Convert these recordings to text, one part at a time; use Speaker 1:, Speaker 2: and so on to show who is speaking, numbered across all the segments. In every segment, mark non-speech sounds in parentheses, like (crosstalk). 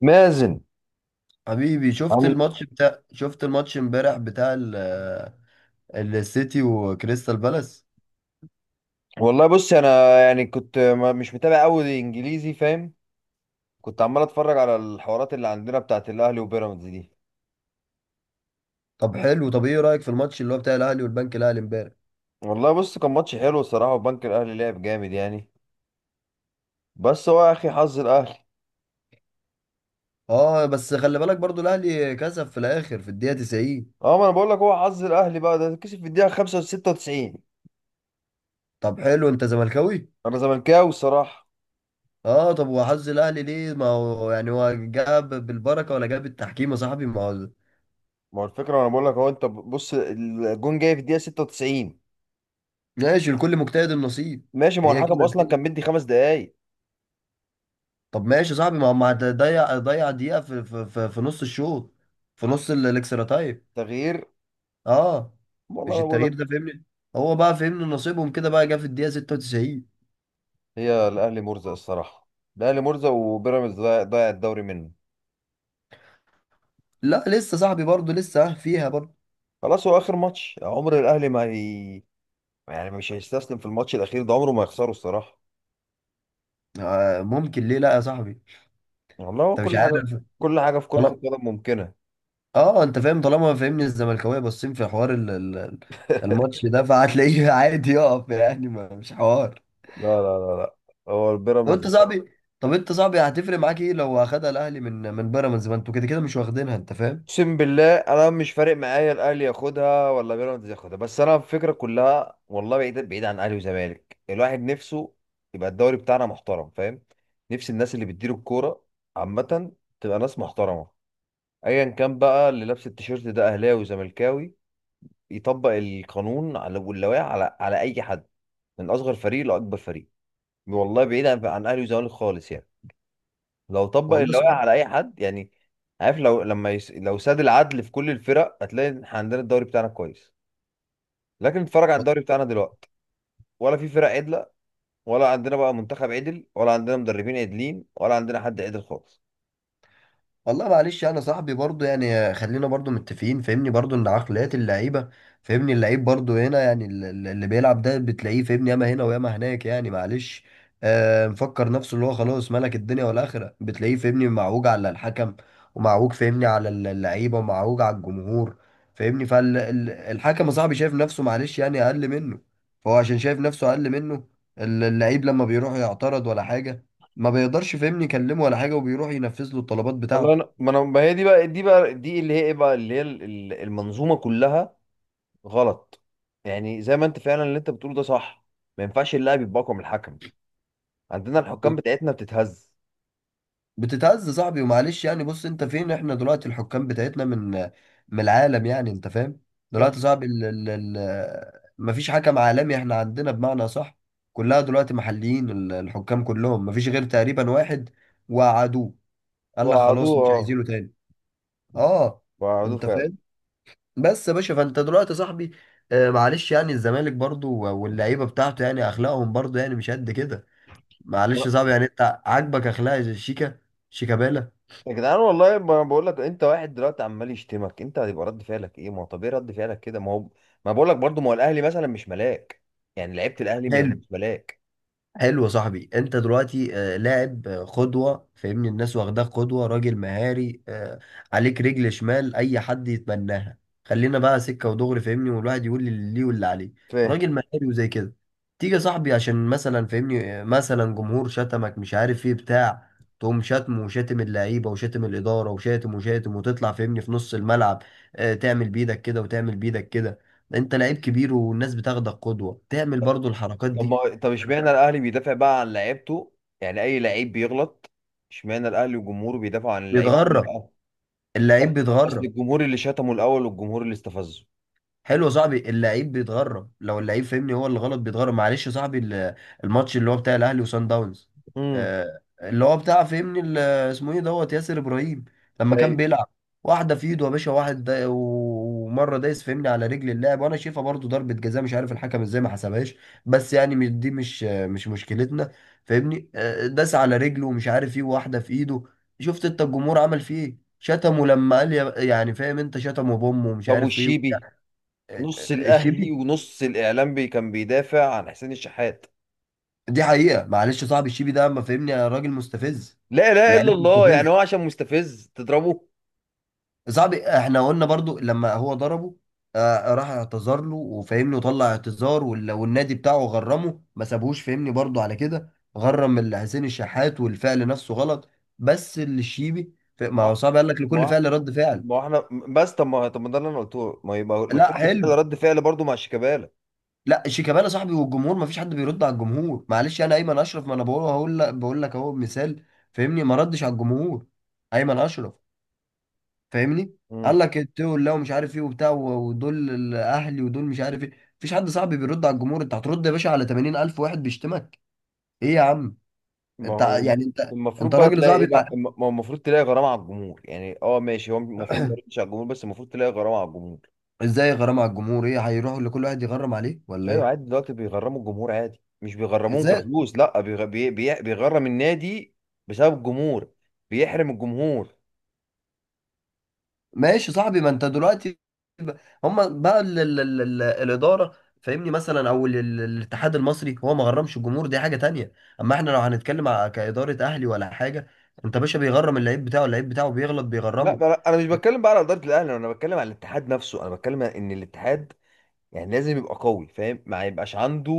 Speaker 1: مازن،
Speaker 2: حبيبي،
Speaker 1: عامل؟
Speaker 2: شفت الماتش امبارح بتاع ال- السيتي وكريستال بالاس.
Speaker 1: والله، بص. انا يعني كنت مش متابع قوي انجليزي، فاهم؟ كنت عمال اتفرج على الحوارات اللي عندنا بتاعت الاهلي وبيراميدز دي.
Speaker 2: طب حلو، طب ايه رأيك في الماتش اللي هو بتاع الاهلي والبنك الاهلي امبارح؟
Speaker 1: والله، بص. كان ماتش حلو الصراحه، وبنك الاهلي لعب جامد يعني. بس هو يا اخي، حظ الاهلي.
Speaker 2: اه بس خلي بالك برضو الاهلي كسب في الاخر في الدقيقة 90.
Speaker 1: اه، ما انا بقول لك، هو حظ الاهلي بقى، ده كسب في الدقيقه 95.
Speaker 2: طب حلو، انت زملكاوي؟
Speaker 1: انا زملكاوي الصراحه.
Speaker 2: اه طب وحظ الاهلي ليه؟ ما هو يعني هو جاب بالبركة ولا جاب التحكيم يا صاحبي؟ ما هو
Speaker 1: ما هو الفكره، انا بقول لك. هو انت بص، الجون جاي في الدقيقه 96.
Speaker 2: ماشي، لكل مجتهد النصيب.
Speaker 1: ماشي. ما هو
Speaker 2: هي
Speaker 1: الحكم
Speaker 2: كده
Speaker 1: اصلا
Speaker 2: الدنيا.
Speaker 1: كان مدي 5 دقايق.
Speaker 2: طب ماشي يا صاحبي، ما هو ما ضيع دقيقة في نص الشوط، في نص الاكسترا تايم.
Speaker 1: تغيير.
Speaker 2: اه،
Speaker 1: والله
Speaker 2: مش
Speaker 1: ما بقول
Speaker 2: التغيير ده
Speaker 1: لك.
Speaker 2: فهمني، هو بقى فهمني نصيبهم كده بقى، جه في الدقيقه 96.
Speaker 1: هي الاهلي مرزق الصراحه. الاهلي مرزق وبيراميدز ضايع، ضايع الدوري منه.
Speaker 2: لا لسه صاحبي برضه، لسه فيها برضه.
Speaker 1: خلاص هو اخر ماتش عمر الاهلي، ما هي. يعني مش هيستسلم في الماتش الاخير ده، عمره ما يخسره الصراحه.
Speaker 2: آه ممكن، ليه لا يا صاحبي؟
Speaker 1: والله، هو
Speaker 2: انت مش
Speaker 1: كل
Speaker 2: عارف.
Speaker 1: حاجه. كل حاجه في كره
Speaker 2: طالما،
Speaker 1: القدم ممكنه.
Speaker 2: اه انت فاهم، طالما فهمني الزملكاويه باصين في حوار ال... ال- ال-
Speaker 1: (laughs)
Speaker 2: الماتش ده، فهتلاقيه (laughs) عادي يقف، يعني ما مش حوار.
Speaker 1: لا، لا، لا، لا، هو
Speaker 2: طب انت
Speaker 1: البيراميدز.
Speaker 2: صاحبي، طب انت صاحبي هتفرق معاك ايه لو اخدها الاهلي من بيراميدز؟ ما انتوا كده كده مش واخدينها، انت فاهم.
Speaker 1: اقسم بالله انا مش فارق معايا الاهلي ياخدها ولا بيراميدز ياخدها. بس انا الفكره كلها، والله، بعيد بعيد عن اهلي وزمالك، الواحد نفسه. يبقى الدوري بتاعنا محترم، فاهم؟ نفس الناس اللي بتدير الكوره عامه، تبقى ناس محترمه. ايا كان بقى اللي لابس التيشيرت ده، اهلاوي وزملكاوي، يطبق القانون على واللوائح على اي حد، من اصغر فريق لاكبر فريق. والله بعيد عن اهلي وزمالك خالص يعني، لو طبق
Speaker 2: والله
Speaker 1: اللوائح
Speaker 2: صعب.
Speaker 1: على اي حد يعني. عارف، لو لما لو ساد العدل في كل الفرق، هتلاقي إن إحنا عندنا الدوري بتاعنا كويس. لكن اتفرج على الدوري بتاعنا دلوقتي، ولا في فرق عدله، ولا عندنا بقى منتخب عدل، ولا عندنا مدربين عدلين، ولا عندنا حد عدل خالص.
Speaker 2: والله معلش انا صاحبي برضو، يعني خلينا برضو متفقين، فاهمني برضو ان عقليات اللعيبه، فاهمني اللعيب برضو هنا، يعني ال- ال- اللي بيلعب ده بتلاقيه فاهمني ياما هنا وياما هناك، يعني معلش. آه، مفكر نفسه اللي هو خلاص ملك الدنيا والاخره، بتلاقيه فاهمني معوج على الحكم، ومعوج فاهمني على ال- اللعيبه، ومعوج على الجمهور. فاهمني، فالحكم يا صاحبي شايف نفسه معلش يعني اقل منه، فهو عشان شايف نفسه اقل منه، ال- اللعيب لما بيروح يعترض ولا حاجه ما بيقدرش فاهمني يكلمه ولا حاجه، وبيروح ينفذ له الطلبات
Speaker 1: والله
Speaker 2: بتاعته.
Speaker 1: انا، ما انا ما هي دي اللي هي ايه بقى، اللي هي المنظومه كلها غلط. يعني زي ما انت فعلا، اللي انت بتقوله ده صح. ما ينفعش اللاعب يبقى اقوى من الحكم. عندنا الحكام بتاعتنا بتتهز.
Speaker 2: بتتهز صاحبي، ومعلش يعني بص، انت فين احنا دلوقتي؟ الحكام بتاعتنا من من العالم يعني، انت فاهم؟
Speaker 1: صح.
Speaker 2: دلوقتي صاحبي ال مفيش حكم عالمي احنا عندنا بمعنى صح، كلها دلوقتي محليين، ال- الحكام كلهم مفيش غير تقريبا واحد وقعدوه، قال لك
Speaker 1: وقعدوه.
Speaker 2: خلاص مش
Speaker 1: اه.
Speaker 2: عايزينه تاني. اه،
Speaker 1: وقعدوه
Speaker 2: انت
Speaker 1: فعلا.
Speaker 2: فاهم. بس يا باشا، فانت دلوقتي صاحبي، آه معلش يعني الزمالك برضو واللعيبه بتاعته يعني اخلاقهم برضو يعني مش قد كده. معلش يا
Speaker 1: لا.
Speaker 2: صاحبي، يعني انت عاجبك اخلاق شيكابالا
Speaker 1: يا جدعان، والله ما بقول لك، انت واحد دلوقتي عمال يشتمك انت، هيبقى رد فعلك ايه؟ ما هو طبيعي رد فعلك كده، ما هو. ما بقول لك برضه، ما هو الاهلي مثلا مش ملاك. يعني لعيبه الاهلي
Speaker 2: حلو.
Speaker 1: مش ملاك،
Speaker 2: حلو يا صاحبي، انت دلوقتي آه، لاعب، آه، قدوة، فاهمني الناس واخداك قدوة، راجل مهاري، آه، عليك رجل شمال اي حد يتمناها. خلينا بقى سكة ودغري، فاهمني والواحد يقول لي اللي ليه واللي عليه.
Speaker 1: فاهم؟
Speaker 2: راجل مهاري وزي كده. تيجي يا صاحبي عشان مثلا فاهمني، آه، مثلا جمهور شتمك مش عارف ايه بتاع، تقوم شتم وشاتم اللعيبة وشاتم الإدارة وشاتم وشاتم، وتطلع فاهمني في نص الملعب، آه، تعمل بإيدك كده وتعمل بإيدك كده. انت لعيب كبير والناس بتاخدك قدوة، تعمل برضو الحركات
Speaker 1: طب
Speaker 2: دي.
Speaker 1: ما، طب، اشمعنى الاهلي بيدافع بقى عن لعيبته؟ يعني اي لعيب بيغلط. اشمعنى الاهلي وجمهوره بيدافعوا عن اللعيب؟
Speaker 2: بيتغرب، اللعيب
Speaker 1: اصل
Speaker 2: بيتغرب.
Speaker 1: الجمهور اللي شتمه الاول، والجمهور اللي استفزه.
Speaker 2: حلو يا صاحبي، اللعيب بيتغرب لو اللعيب فهمني هو اللي غلط بيتغرب. معلش يا صاحبي، ال- الماتش اللي هو بتاع الاهلي وصن داونز،
Speaker 1: امم،
Speaker 2: آه، اللي هو بتاع فهمني ال- اسمه ايه دوت، ياسر ابراهيم، لما كان
Speaker 1: طيب.
Speaker 2: بيلعب، واحده في ايده يا باشا، واحد دا ومره دايس فهمني على رجل اللاعب، وانا شايفها برضو ضربه جزاء، مش عارف الحكم ازاي ما حسبهاش. بس يعني مش- دي مش مشكلتنا. فاهمني، آه، داس على رجله ومش عارف ايه، واحده في ايده. شفت انت الجمهور عمل فيه ايه؟ شتمه لما قال يا- يعني فاهم انت، شتمه بامه ومش
Speaker 1: طب،
Speaker 2: عارف ايه.
Speaker 1: والشيبي. نص الاهلي
Speaker 2: الشيبي؟
Speaker 1: ونص الاعلام بي كان بيدافع عن حسين الشحات.
Speaker 2: دي حقيقة، معلش صاحب، الشيبي ده ما فهمني يا راجل مستفز،
Speaker 1: لا، لا، الا
Speaker 2: لعيب
Speaker 1: الله، يعني
Speaker 2: مستفز.
Speaker 1: هو عشان مستفز تضربه؟
Speaker 2: صاحبي، احنا قلنا برضو لما هو ضربه، آه، راح اعتذر له وفهمني، وطلع اعتذار، وال- والنادي بتاعه غرمه، ما سابهوش فهمني برضو على كده، غرم ال- حسين الشحات، والفعل نفسه غلط. بس الشيبي ف- ما هو
Speaker 1: ما
Speaker 2: صعب، قال لك لكل
Speaker 1: ما
Speaker 2: فعل رد فعل.
Speaker 1: ما احنا بس، طب ما، طب، ما ده اللي انا قلته، ما يبقى لكل
Speaker 2: لا حلو.
Speaker 1: فعل رد فعل برضه مع شيكابالا.
Speaker 2: لا، شيكابالا صاحبي والجمهور، ما فيش حد بيرد على الجمهور. معلش انا ايمن اشرف، ما انا بقول، هقول لك، بقول لك اهو مثال، فاهمني ما ردش على الجمهور. ايمن اشرف، فاهمني، قال
Speaker 1: امم
Speaker 2: لك التول لا، ومش عارف ايه وبتاع، و- ودول الاهلي ودول مش عارف ايه. مفيش حد صاحبي بيرد على الجمهور، انت هترد يا باشا على 80,000 واحد بيشتمك؟ ايه يا عم؟
Speaker 1: ما
Speaker 2: انت
Speaker 1: هو
Speaker 2: يعني انت
Speaker 1: المفروض
Speaker 2: انت
Speaker 1: بقى
Speaker 2: راجل
Speaker 1: تلاقي ايه
Speaker 2: صاحبي، مع...
Speaker 1: بقى، ما هو المفروض تلاقي غرامه على الجمهور. يعني اه ماشي، هو المفروض ما يردش على الجمهور، بس المفروض تلاقي غرامه على الجمهور.
Speaker 2: ازاي غرام على الجمهور؟ ايه، هيروحوا لكل واحد يغرم عليه ولا
Speaker 1: ايوه
Speaker 2: ايه؟
Speaker 1: عادي، دلوقتي بيغرموا الجمهور عادي، مش بيغرموهم
Speaker 2: ازاي؟
Speaker 1: كفلوس، لا بيغرم النادي بسبب الجمهور، بيحرم الجمهور.
Speaker 2: ماشي يا صاحبي، ما انت دلوقتي، ب-، هما بقى ال الاداره، فاهمني، مثلا، او ال الاتحاد المصري، هو ما غرمش الجمهور، دي حاجه تانية. اما احنا لو هنتكلم ع- كاداره اهلي ولا حاجه، انت باشا بيغرم اللعيب بتاعه، اللعيب بتاعه بيغلط
Speaker 1: لا،
Speaker 2: بيغرمه.
Speaker 1: لا، انا مش بتكلم بقى على اداره الاهلي، انا بتكلم على الاتحاد نفسه. انا بتكلم ان الاتحاد يعني لازم يبقى قوي، فاهم؟ ما يبقاش عنده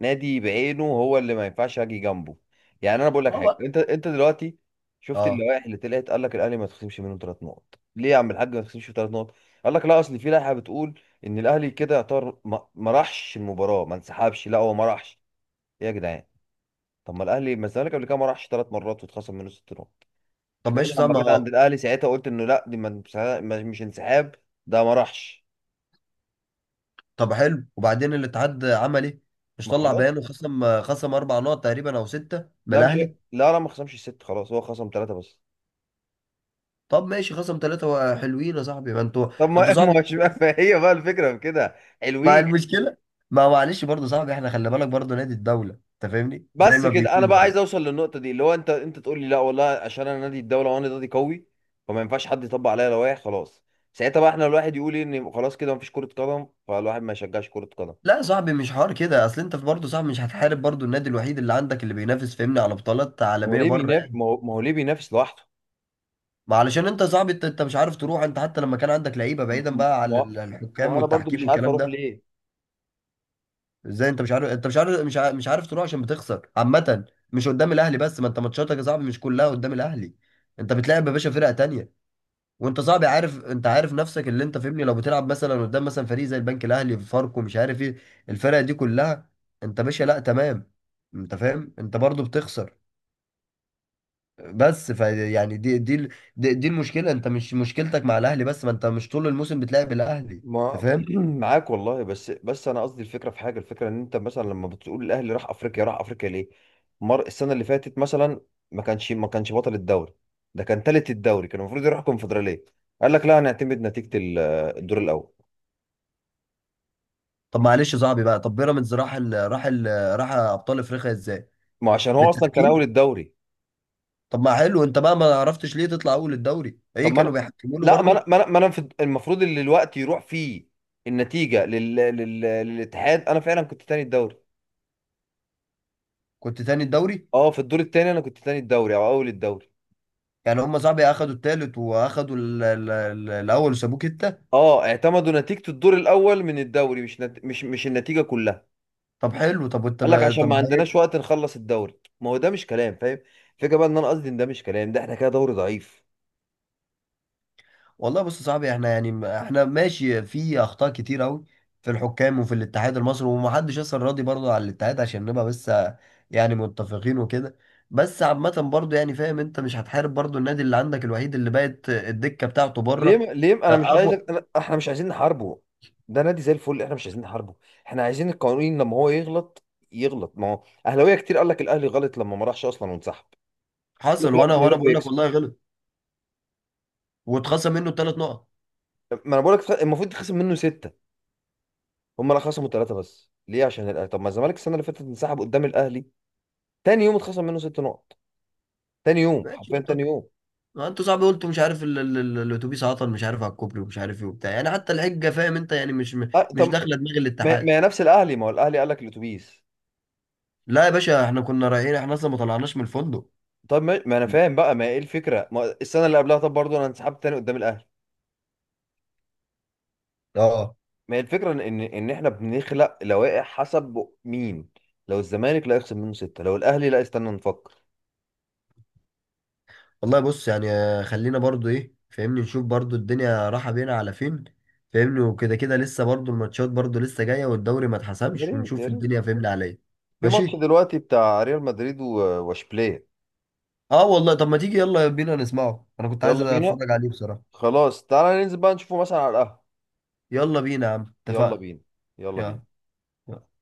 Speaker 1: نادي بعينه هو اللي ما ينفعش اجي جنبه. يعني انا بقول لك
Speaker 2: اه
Speaker 1: حاجه.
Speaker 2: بقى.
Speaker 1: انت دلوقتي، شفت
Speaker 2: اه
Speaker 1: اللوائح اللي طلعت؟ قال لك الاهلي ما تخصمش منه 3 نقط، ليه يا عم الحاج ما تخصمش 3 نقط؟ قال لك لا، اصل في لائحه بتقول ان الاهلي كده يعتبر ما راحش المباراه، ما انسحبش لا، هو ما راحش. إيه يا جدعان؟ طب ما الاهلي، ما الزمالك قبل كده ما راحش 3 مرات واتخصم منه 6 نقط؟
Speaker 2: طب
Speaker 1: اشمعنى
Speaker 2: ماشي صح،
Speaker 1: لما
Speaker 2: ما
Speaker 1: جت
Speaker 2: هو-.
Speaker 1: عند الاهلي ساعتها قلت انه لا، دي مش انسحاب، ده ما راحش.
Speaker 2: طب حلو، وبعدين الاتحاد عمل ايه؟ مش
Speaker 1: ما
Speaker 2: طلع
Speaker 1: خلاص.
Speaker 2: بيان وخصم اربع نقط تقريبا او سته من
Speaker 1: لا مش هي-
Speaker 2: الاهلي؟
Speaker 1: لا، لا، ما خصمش الست، خلاص هو خصم ثلاثة بس.
Speaker 2: طب ماشي، خصم ثلاثه حلوين يا صاحبي، ما انتوا،
Speaker 1: طب ما (laughs)
Speaker 2: انتوا صعب
Speaker 1: ما هوش بقى، فهي بقى الفكرة في كده،
Speaker 2: مع
Speaker 1: حلوين.
Speaker 2: المشكله. ما معلش برضه صاحبي، احنا خلي بالك برضه نادي الدوله، انت فاهمني زي
Speaker 1: بس
Speaker 2: ما
Speaker 1: كده انا
Speaker 2: بيكون
Speaker 1: بقى
Speaker 2: يعني.
Speaker 1: عايز اوصل للنقطة دي اللي هو انت تقول لي لا والله عشان انا نادي الدولة وانا نادي قوي. فما ينفعش حد يطبق عليا لوائح، خلاص. ساعتها بقى احنا الواحد يقول إيه، ان خلاص كده مفيش كرة قدم، فالواحد ما يشجعش كرة قدم.
Speaker 2: لا يا صاحبي، مش حوار كده، اصل انت في برضه صاحبي، مش هتحارب برضه النادي الوحيد اللي عندك اللي بينافس فاهمني على بطولات
Speaker 1: ما هو
Speaker 2: عالميه
Speaker 1: ليه
Speaker 2: بره
Speaker 1: بينافس؟
Speaker 2: يعني.
Speaker 1: ما هو ليه بينافس لوحده؟
Speaker 2: ما علشان انت يا صاحبي، انت مش عارف تروح، انت حتى لما كان عندك لعيبه، بعيدا بقى عن
Speaker 1: ما
Speaker 2: ال-
Speaker 1: ما
Speaker 2: الحكام
Speaker 1: هو انا برضو
Speaker 2: والتحكيم
Speaker 1: مش عارف
Speaker 2: والكلام
Speaker 1: اروح
Speaker 2: ده.
Speaker 1: ليه.
Speaker 2: ازاي انت مش عارف؟ انت مش عارف، مش عارف تروح، عشان بتخسر عامه، مش قدام الاهلي بس. ما انت ماتشاتك يا صاحبي مش كلها قدام الاهلي. انت بتلعب يا باشا فرقه تانيه، وانت صعب، عارف، انت عارف نفسك اللي انت فاهمني، لو بتلعب مثلا قدام مثلا فريق زي البنك الاهلي، فاركو، مش عارف ايه، الفرق دي كلها، انت باشا لا تمام، انت فاهم، انت برضو بتخسر. بس ف يعني دي ال- دي المشكله. انت مش مشكلتك مع الاهلي بس، ما انت مش طول الموسم بتلعب الاهلي. انت
Speaker 1: ما
Speaker 2: فاهم.
Speaker 1: (clears throat) معاك والله، بس انا قصدي الفكره في حاجه، الفكره ان انت مثلا لما بتقول الاهلي راح افريقيا، راح افريقيا ليه؟ مر السنه اللي فاتت مثلا ما كانش بطل الدوري، ده كان تالت الدوري، كان المفروض يروح الكونفدراليه. قال لك لا، هنعتمد نتيجه الدور الاول.
Speaker 2: طب معلش يا صاحبي بقى، طب بيراميدز راح ال... راح ال... راح ابطال افريقيا ازاي؟
Speaker 1: ما عشان هو اصلا كان اول
Speaker 2: بالتحكيم.
Speaker 1: الدوري.
Speaker 2: طب ما حلو، انت بقى ما عرفتش ليه تطلع اول الدوري؟
Speaker 1: طب
Speaker 2: ايه،
Speaker 1: ما
Speaker 2: كانوا
Speaker 1: انا،
Speaker 2: بيحكموا له
Speaker 1: لا ما انا
Speaker 2: برضو؟
Speaker 1: ما انا ما أنا في- المفروض اللي الوقت يروح فيه، النتيجه للاتحاد، انا فعلا كنت تاني الدوري.
Speaker 2: كنت تاني الدوري.
Speaker 1: اه، في الدور التاني انا كنت تاني الدوري او اول الدوري.
Speaker 2: يعني هم صاحبي اخدوا التالت، واخدوا ال- ال- ال- الاول، وسابوه كده.
Speaker 1: اه، اعتمدوا نتيجة الدور الأول من الدوري، مش نت... مش مش النتيجة كلها.
Speaker 2: طب حلو، طب وانت
Speaker 1: قال لك
Speaker 2: ب-
Speaker 1: عشان ما
Speaker 2: طب
Speaker 1: عندناش
Speaker 2: هيك.
Speaker 1: وقت نخلص الدوري، ما هو ده مش كلام، فاهم؟ الفكرة بقى، ان انا قصدي ان ده مش كلام، ده احنا كده دوري ضعيف.
Speaker 2: والله بص يا صاحبي، احنا يعني م- احنا ماشي في اخطاء كتير قوي، في الحكام وفي الاتحاد المصري، ومحدش اصلا راضي برضه على الاتحاد، عشان نبقى بس يعني متفقين وكده. بس عامة برضه يعني فاهم، انت مش هتحارب برضه النادي اللي عندك الوحيد اللي بقت الدكة بتاعته بره.
Speaker 1: ليه م... ليه م-
Speaker 2: اه،
Speaker 1: انا مش عايز
Speaker 2: اقوى.
Speaker 1: أنا... احنا مش عايزين نحاربه. ده نادي زي الفل، احنا مش عايزين نحاربه. احنا عايزين القانون، لما هو يغلط يغلط. ما هو اهلاويه كتير قال لك الاهلي غلط لما ما راحش اصلا وانسحب. قال لك
Speaker 2: حصل،
Speaker 1: لا،
Speaker 2: وانا
Speaker 1: كان
Speaker 2: وانا
Speaker 1: يروح
Speaker 2: بقول لك
Speaker 1: ويكسب.
Speaker 2: والله غلط، واتخصم منه الثلاث نقط.
Speaker 1: ما انا بقول لك المفروض تخصم منه ستة. هم لا، خصموا ثلاثة بس، ليه؟ عشان الأهلي. طب ما الزمالك السنة اللي فاتت انسحب قدام الاهلي، تاني يوم اتخصم منه 6 نقط، تاني يوم،
Speaker 2: ماشي.
Speaker 1: حرفيا تاني يوم.
Speaker 2: ما انتوا صعب، قلتوا مش عارف ال- ال- ال- الاتوبيس عطل، مش عارف على الكوبري، ومش عارف ايه وبتاع يعني، حتى الحجه فاهم انت يعني مش،
Speaker 1: أه طب،
Speaker 2: مش داخله دماغ
Speaker 1: ما
Speaker 2: الاتحاد.
Speaker 1: ما هي نفس الاهلي، ما هو الاهلي قال لك الاتوبيس.
Speaker 2: لا يا باشا، احنا كنا رايحين، احنا اصلا ما طلعناش من الفندق.
Speaker 1: طب ما انا فاهم بقى، ما هي ايه الفكره، ما السنه اللي قبلها طب برضه انا انسحبت تاني قدام الاهلي.
Speaker 2: اه
Speaker 1: ما هي الفكره ان إن احنا بنخلق لوائح حسب مين؟ لو الزمالك، لا يخصم منه سته. لو الاهلي، لا، استنى نفكر.
Speaker 2: والله بص يعني، آه، خلينا برضو ايه، فاهمني نشوف برضو الدنيا رايحه بينا على فين، فاهمني، وكده كده لسه برضو الماتشات برضو لسه جايه، والدوري ما
Speaker 1: يا
Speaker 2: اتحسمش،
Speaker 1: ريت، يا
Speaker 2: ونشوف
Speaker 1: ريت.
Speaker 2: الدنيا فاهمني على ايه.
Speaker 1: في ماتش
Speaker 2: ماشي.
Speaker 1: دلوقتي بتاع ريال مدريد واشبيليه.
Speaker 2: اه والله، طب ما تيجي يلا بينا نسمعه، انا كنت عايز
Speaker 1: يلا بينا.
Speaker 2: اتفرج عليه بصراحه.
Speaker 1: خلاص، تعالى ننزل بقى نشوفه مثلا على القهوه.
Speaker 2: يلا بينا يا عم،
Speaker 1: يلا
Speaker 2: اتفقنا.
Speaker 1: بينا، يلا بينا.
Speaker 2: يلا.